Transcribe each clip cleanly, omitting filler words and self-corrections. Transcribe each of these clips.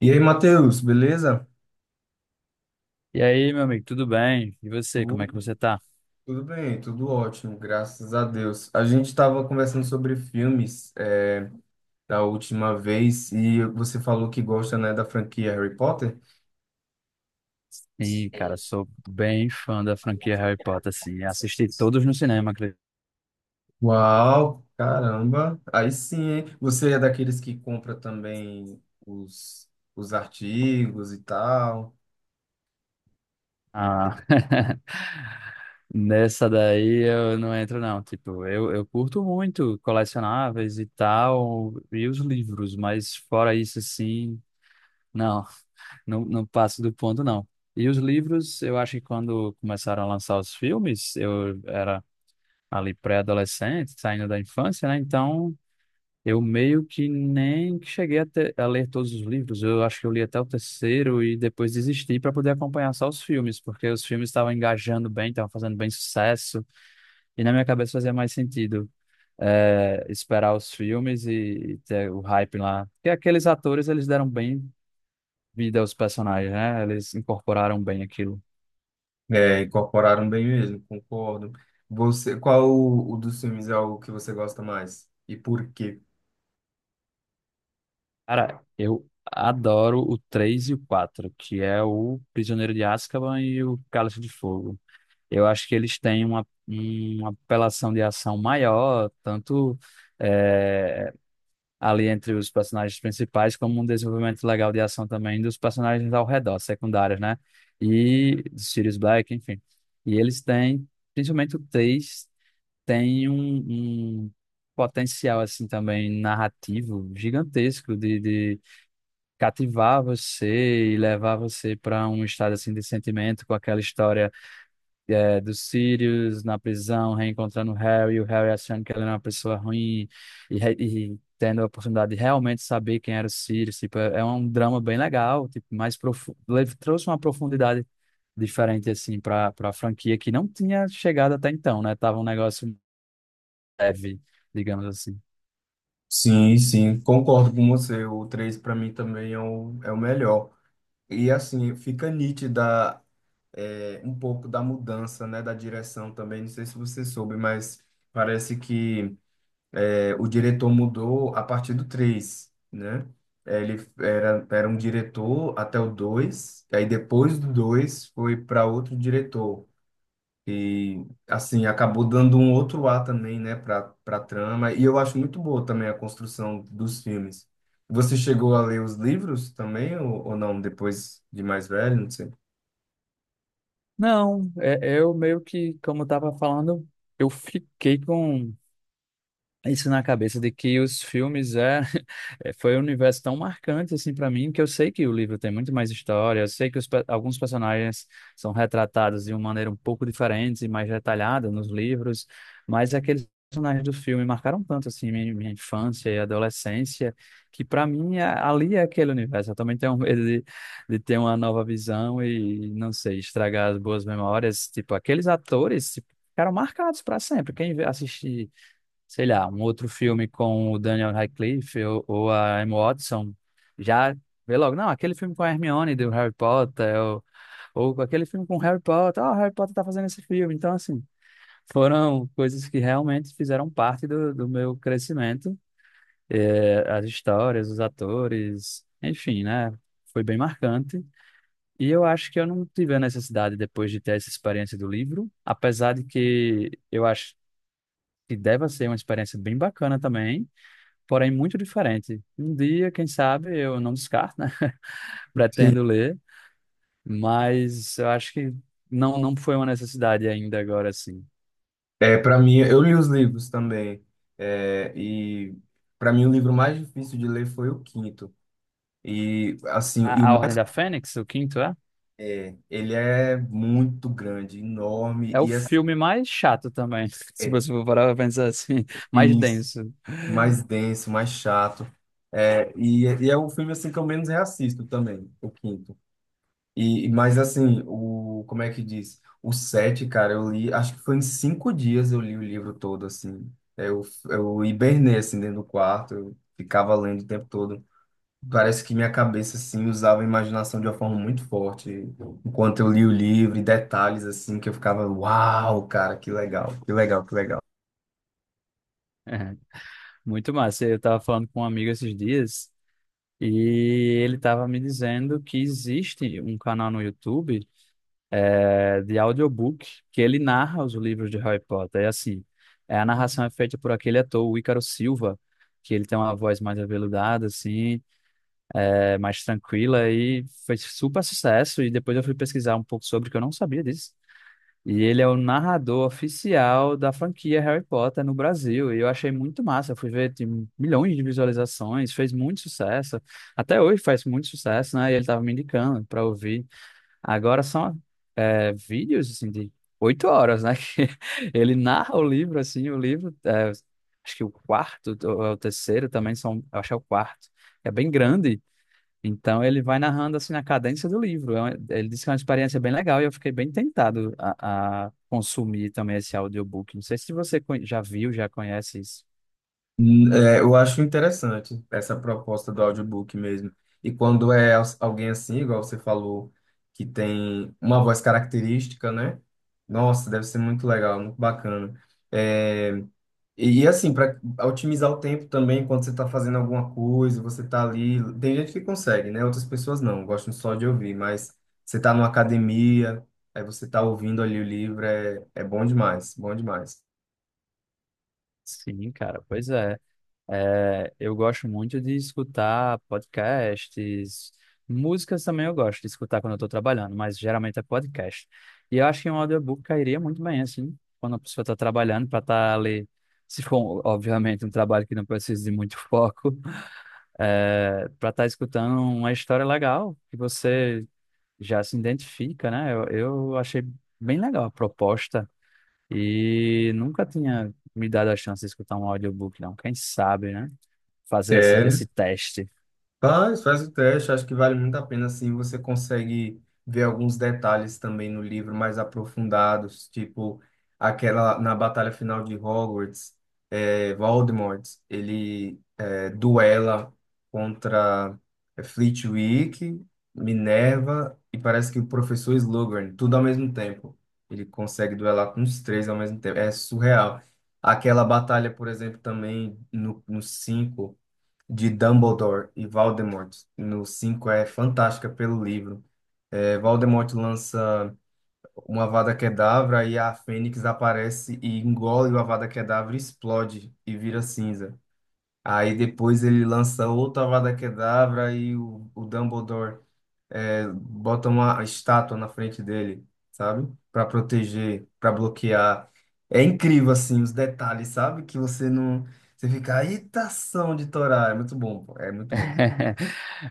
E aí, Matheus, beleza? E aí, meu amigo, tudo bem? E você, como é que Tudo, você tá? tudo bem, tudo ótimo, graças a Deus. A gente estava conversando sobre filmes da última vez e você falou que gosta, né, da franquia Harry Potter. Sim, cara, sou bem fã da franquia Harry Potter, assim, assisti todos no cinema, acredito. Uau, caramba, aí sim, hein? Você é daqueles que compra também os artigos e tal. Ah, nessa daí eu não entro não, tipo, eu curto muito colecionáveis e tal, e os livros, mas fora isso, assim, não, não, não passo do ponto não. E os livros, eu acho que quando começaram a lançar os filmes, eu era ali pré-adolescente, saindo da infância, né, então. Eu meio que nem cheguei a ler todos os livros. Eu acho que eu li até o terceiro e depois desisti para poder acompanhar só os filmes, porque os filmes estavam engajando bem, estavam fazendo bem sucesso, e na minha cabeça fazia mais sentido esperar os filmes e, ter o hype lá. Porque aqueles atores, eles deram bem vida aos personagens, né? Eles incorporaram bem aquilo. É, incorporaram bem mesmo, concordo. Você, qual o dos filmes é o que você gosta mais? E por quê? Cara, eu adoro o 3 e o quatro, que é o Prisioneiro de Azkaban e o Cálice de Fogo. Eu acho que eles têm uma, apelação de ação maior, tanto eh, ali entre os personagens principais, como um desenvolvimento legal de ação também dos personagens ao redor, secundários, né? E do Sirius Black, enfim. E eles têm, principalmente o Tails, tem um potencial, assim, também narrativo gigantesco de cativar você e levar você para um estado, assim, de sentimento com aquela história do Sirius na prisão, reencontrando o Harry, e o Harry achando que ela era uma pessoa ruim e tendo a oportunidade de realmente saber quem era o Sirius. Tipo, é um drama bem legal, tipo, mais profundo, trouxe uma profundidade diferente assim para a franquia que não tinha chegado até então, né? Tava um negócio leve, digamos assim. Sim, sim, concordo com você. O 3 para mim também é o melhor. E assim, fica nítida um pouco da mudança, né, da direção também. Não sei se você soube, mas parece que o diretor mudou a partir do três, né? Ele era um diretor até o dois, aí depois do 2 foi para outro diretor. E, assim, acabou dando um outro ar também, né, para trama. E eu acho muito boa também a construção dos filmes. Você chegou a ler os livros também, ou não, depois de mais velho? Não sei. Não, eu meio que, como eu tava falando, eu fiquei com isso na cabeça de que os filmes foi um universo tão marcante assim para mim que eu sei que o livro tem muito mais história, eu sei que alguns personagens são retratados de uma maneira um pouco diferente e mais detalhada nos livros, mas aqueles personagens do filme marcaram tanto assim minha, minha infância e adolescência que para mim ali é aquele universo. Eu também tenho medo de ter uma nova visão e não sei, estragar as boas memórias, tipo aqueles atores, tipo, ficaram marcados para sempre. Quem assiste sei lá, um outro filme com o Daniel Radcliffe, ou a Emma Watson, já vê logo, não, aquele filme com a Hermione do Harry Potter, ou aquele filme com o Harry Potter, ó, o Harry Potter tá fazendo esse filme. Então, assim, foram coisas que realmente fizeram parte do meu crescimento, as histórias, os atores, enfim, né? Foi bem marcante. E eu acho que eu não tive a necessidade depois de ter essa experiência do livro, apesar de que eu acho que deva ser uma experiência bem bacana também, porém muito diferente. Um dia, quem sabe, eu não descarto, né? Pretendo ler, mas eu acho que não, não foi uma necessidade ainda agora, assim. É, para mim, eu li os livros também. É, e para mim, o livro mais difícil de ler foi o quinto. E, assim, A, e o a Ordem mais. da Fênix, o quinto é? É, ele é muito grande, enorme, É o e é, filme mais chato também, se é você for parar pra pensar assim, mais isso. denso. Mais denso, mais chato. É, e é o filme assim que eu menos reassisto também, o quinto. Mas assim, o como é que diz? O sete, cara, eu li, acho que foi em 5 dias eu li o livro todo assim. Eu, eu hibernei assim dentro do quarto, eu ficava lendo o tempo todo. Parece que minha cabeça assim usava a imaginação de uma forma muito forte enquanto eu li o livro e detalhes assim que eu ficava, uau, cara, que legal, que legal, que legal. É, muito massa. Eu estava falando com um amigo esses dias e ele estava me dizendo que existe um canal no YouTube, de audiobook, que ele narra os livros de Harry Potter. É assim, a narração é feita por aquele ator, o Ícaro Silva, que ele tem uma voz mais aveludada, assim, mais tranquila, e fez super sucesso. E depois eu fui pesquisar um pouco sobre, que eu não sabia disso. E ele é o narrador oficial da franquia Harry Potter no Brasil. E eu achei muito massa. Eu fui ver, tem milhões de visualizações, fez muito sucesso. Até hoje faz muito sucesso, né? E ele estava me indicando para ouvir. Agora são vídeos assim, de 8 horas, né? Que ele narra o livro, assim, o livro, acho que o quarto, ou é o terceiro também são, eu acho que é o quarto, é bem grande, então ele vai narrando assim na cadência do livro. Ele disse que é uma experiência bem legal e eu fiquei bem tentado a consumir também esse audiobook. Não sei se você já viu, já conhece isso. Eu acho interessante essa proposta do audiobook mesmo. E quando é alguém assim, igual você falou, que tem uma voz característica, né? Nossa, deve ser muito legal, muito bacana. É, e assim, para otimizar o tempo também, quando você está fazendo alguma coisa, você está ali. Tem gente que consegue, né? Outras pessoas não, gostam só de ouvir, mas você está numa academia, aí você está ouvindo ali o livro, é bom demais, bom demais. Sim, cara, pois é. É, eu gosto muito de escutar podcasts, músicas também eu gosto de escutar quando eu estou trabalhando, mas geralmente é podcast. E eu acho que um audiobook cairia muito bem, assim, quando a pessoa está trabalhando, para estar ali, se for, obviamente, um trabalho que não precisa de muito foco, para estar escutando uma história legal que você já se identifica, né? Eu achei bem legal a proposta. E nunca tinha me dado a chance de escutar um audiobook, não. Quem sabe, né? Fazer essa- É. esse teste. Faz, faz o teste, acho que vale muito a pena, assim, você consegue ver alguns detalhes também no livro mais aprofundados, tipo aquela na batalha final de Hogwarts, é Voldemort, ele duela contra Flitwick, Minerva e parece que o professor Slughorn, tudo ao mesmo tempo. Ele consegue duelar com os três ao mesmo tempo, é surreal. Aquela batalha, por exemplo, também no 5 de Dumbledore e Voldemort no 5 é fantástica pelo livro. É, Voldemort lança uma Avada Kedavra e a Fênix aparece e engole o Avada Kedavra, e explode e vira cinza. Aí depois ele lança outra Avada Kedavra e o Dumbledore bota uma estátua na frente dele, sabe? Para proteger, para bloquear. É incrível assim os detalhes, sabe? Que você não, você fica, eita ação de Torá, é muito bom, pô, é muito bom.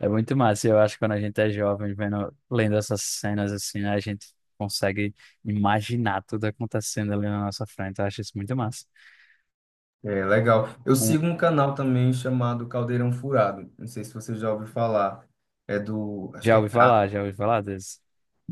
É muito massa. Eu acho que quando a gente é jovem, vendo, lendo essas cenas assim, né, a gente consegue imaginar tudo acontecendo ali na nossa frente. Eu acho isso muito massa. É, legal. Eu Um- sigo um canal também chamado Caldeirão Furado. Não sei se você já ouviu falar. É do, acho que Já é ouvi Ca- falar, já ouvi falar.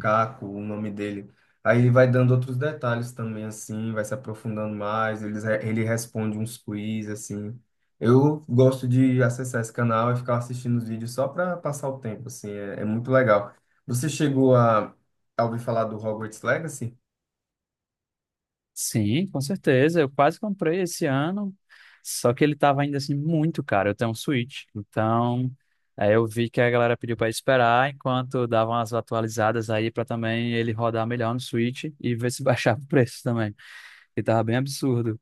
Caco, o nome dele. Aí ele vai dando outros detalhes também, assim, vai se aprofundando mais. Ele responde uns quiz, assim. Eu gosto de acessar esse canal e ficar assistindo os vídeos só para passar o tempo, assim. É, muito legal. Você chegou a, ouvir falar do Hogwarts Legacy? Sim, com certeza. Eu quase comprei esse ano, só que ele estava ainda assim muito caro. Eu tenho um Switch, então aí eu vi que a galera pediu para esperar enquanto davam as atualizadas aí para também ele rodar melhor no Switch, e ver se baixava o preço também, que tava bem absurdo.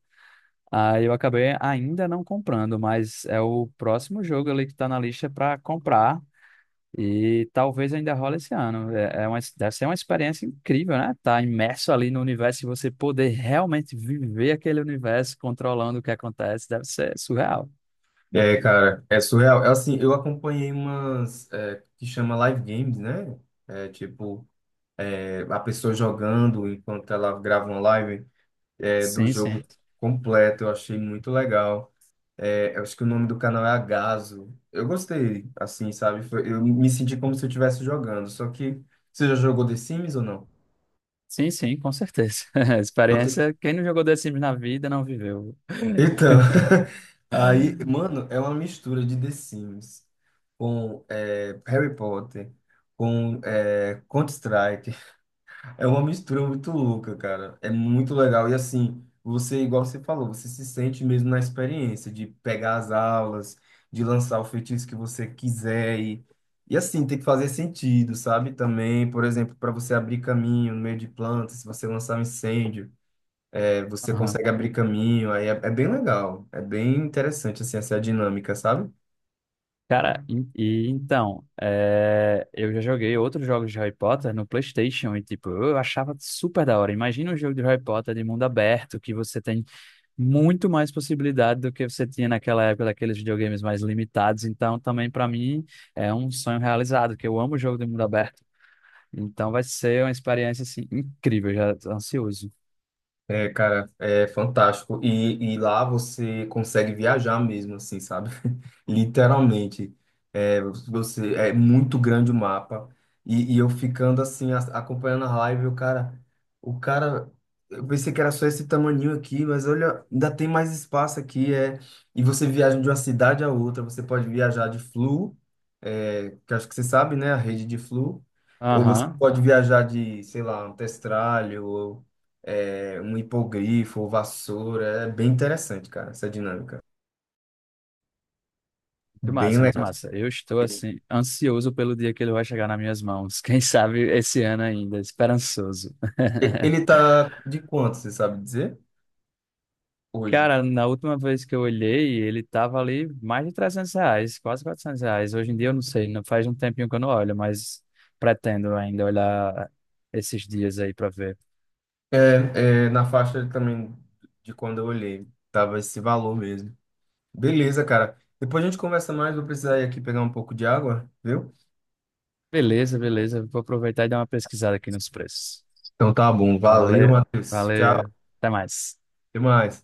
Aí eu acabei ainda não comprando, mas é o próximo jogo ali que tá na lista para comprar. E talvez ainda role esse ano. Deve ser uma experiência incrível, né? Tá imerso ali no universo e você poder realmente viver aquele universo, controlando o que acontece, deve ser surreal. É, cara, é surreal. É assim, eu acompanhei umas que chama live games, né? É tipo, a pessoa jogando enquanto ela grava uma live do Sim, jogo sim. completo. Eu achei muito legal. É, eu acho que o nome do canal é Agazo. Eu gostei, assim, sabe? Eu me senti como se eu estivesse jogando. Só que você já jogou The Sims ou Sim, sim, com certeza. não? Experiência, quem não jogou The Sims na vida não viveu. Então, aí, mano, é uma mistura de The Sims com Harry Potter, com Counter-Strike. É uma mistura muito louca, cara. É muito legal. E assim, você, igual você falou, você se sente mesmo na experiência de pegar as aulas, de lançar o feitiço que você quiser. E assim, tem que fazer sentido, sabe? Também, por exemplo, para você abrir caminho no meio de plantas, se você lançar um incêndio você Aham. consegue abrir caminho, aí é bem legal, é bem interessante, assim, essa dinâmica, sabe? Cara, e então, eu já joguei outros jogos de Harry Potter no PlayStation e, tipo, eu achava super da hora. Imagina um jogo de Harry Potter de mundo aberto, que você tem muito mais possibilidade do que você tinha naquela época daqueles videogames mais limitados. Então, também para mim é um sonho realizado, que eu amo o jogo de mundo aberto. Então, vai ser uma experiência assim incrível, já tô ansioso. É, cara, é fantástico. E lá você consegue viajar mesmo, assim, sabe? Literalmente. É, você, é muito grande o mapa. E eu ficando assim, acompanhando a live, o cara, eu pensei que era só esse tamaninho aqui, mas olha, ainda tem mais espaço aqui. É, e você viaja de uma cidade a outra, você pode viajar de Flu, que acho que você sabe, né? A rede de Flu. Ou você Aham. pode viajar de, sei lá, um testralho, um hipogrifo, vassoura. É bem interessante, cara, essa dinâmica. Muito Bem massa, muito legal. massa. Eu estou assim ansioso pelo dia que ele vai chegar nas minhas mãos. Quem sabe esse ano ainda, esperançoso. Ele tá de quanto, você sabe dizer? Hoje. Cara, na última vez que eu olhei, ele tava ali mais de R$ 300, quase R$ 400. Hoje em dia eu não sei, não faz um tempinho que eu não olho, mas pretendo ainda olhar esses dias aí para ver. É, na faixa também de quando eu olhei. Tava esse valor mesmo. Beleza, cara. Depois a gente conversa mais. Vou precisar ir aqui pegar um pouco de água, viu? Beleza, beleza. Vou aproveitar e dar uma pesquisada aqui nos preços. Então tá bom. Valeu, Valeu, Matheus. Tchau. valeu. Até mais. Até mais.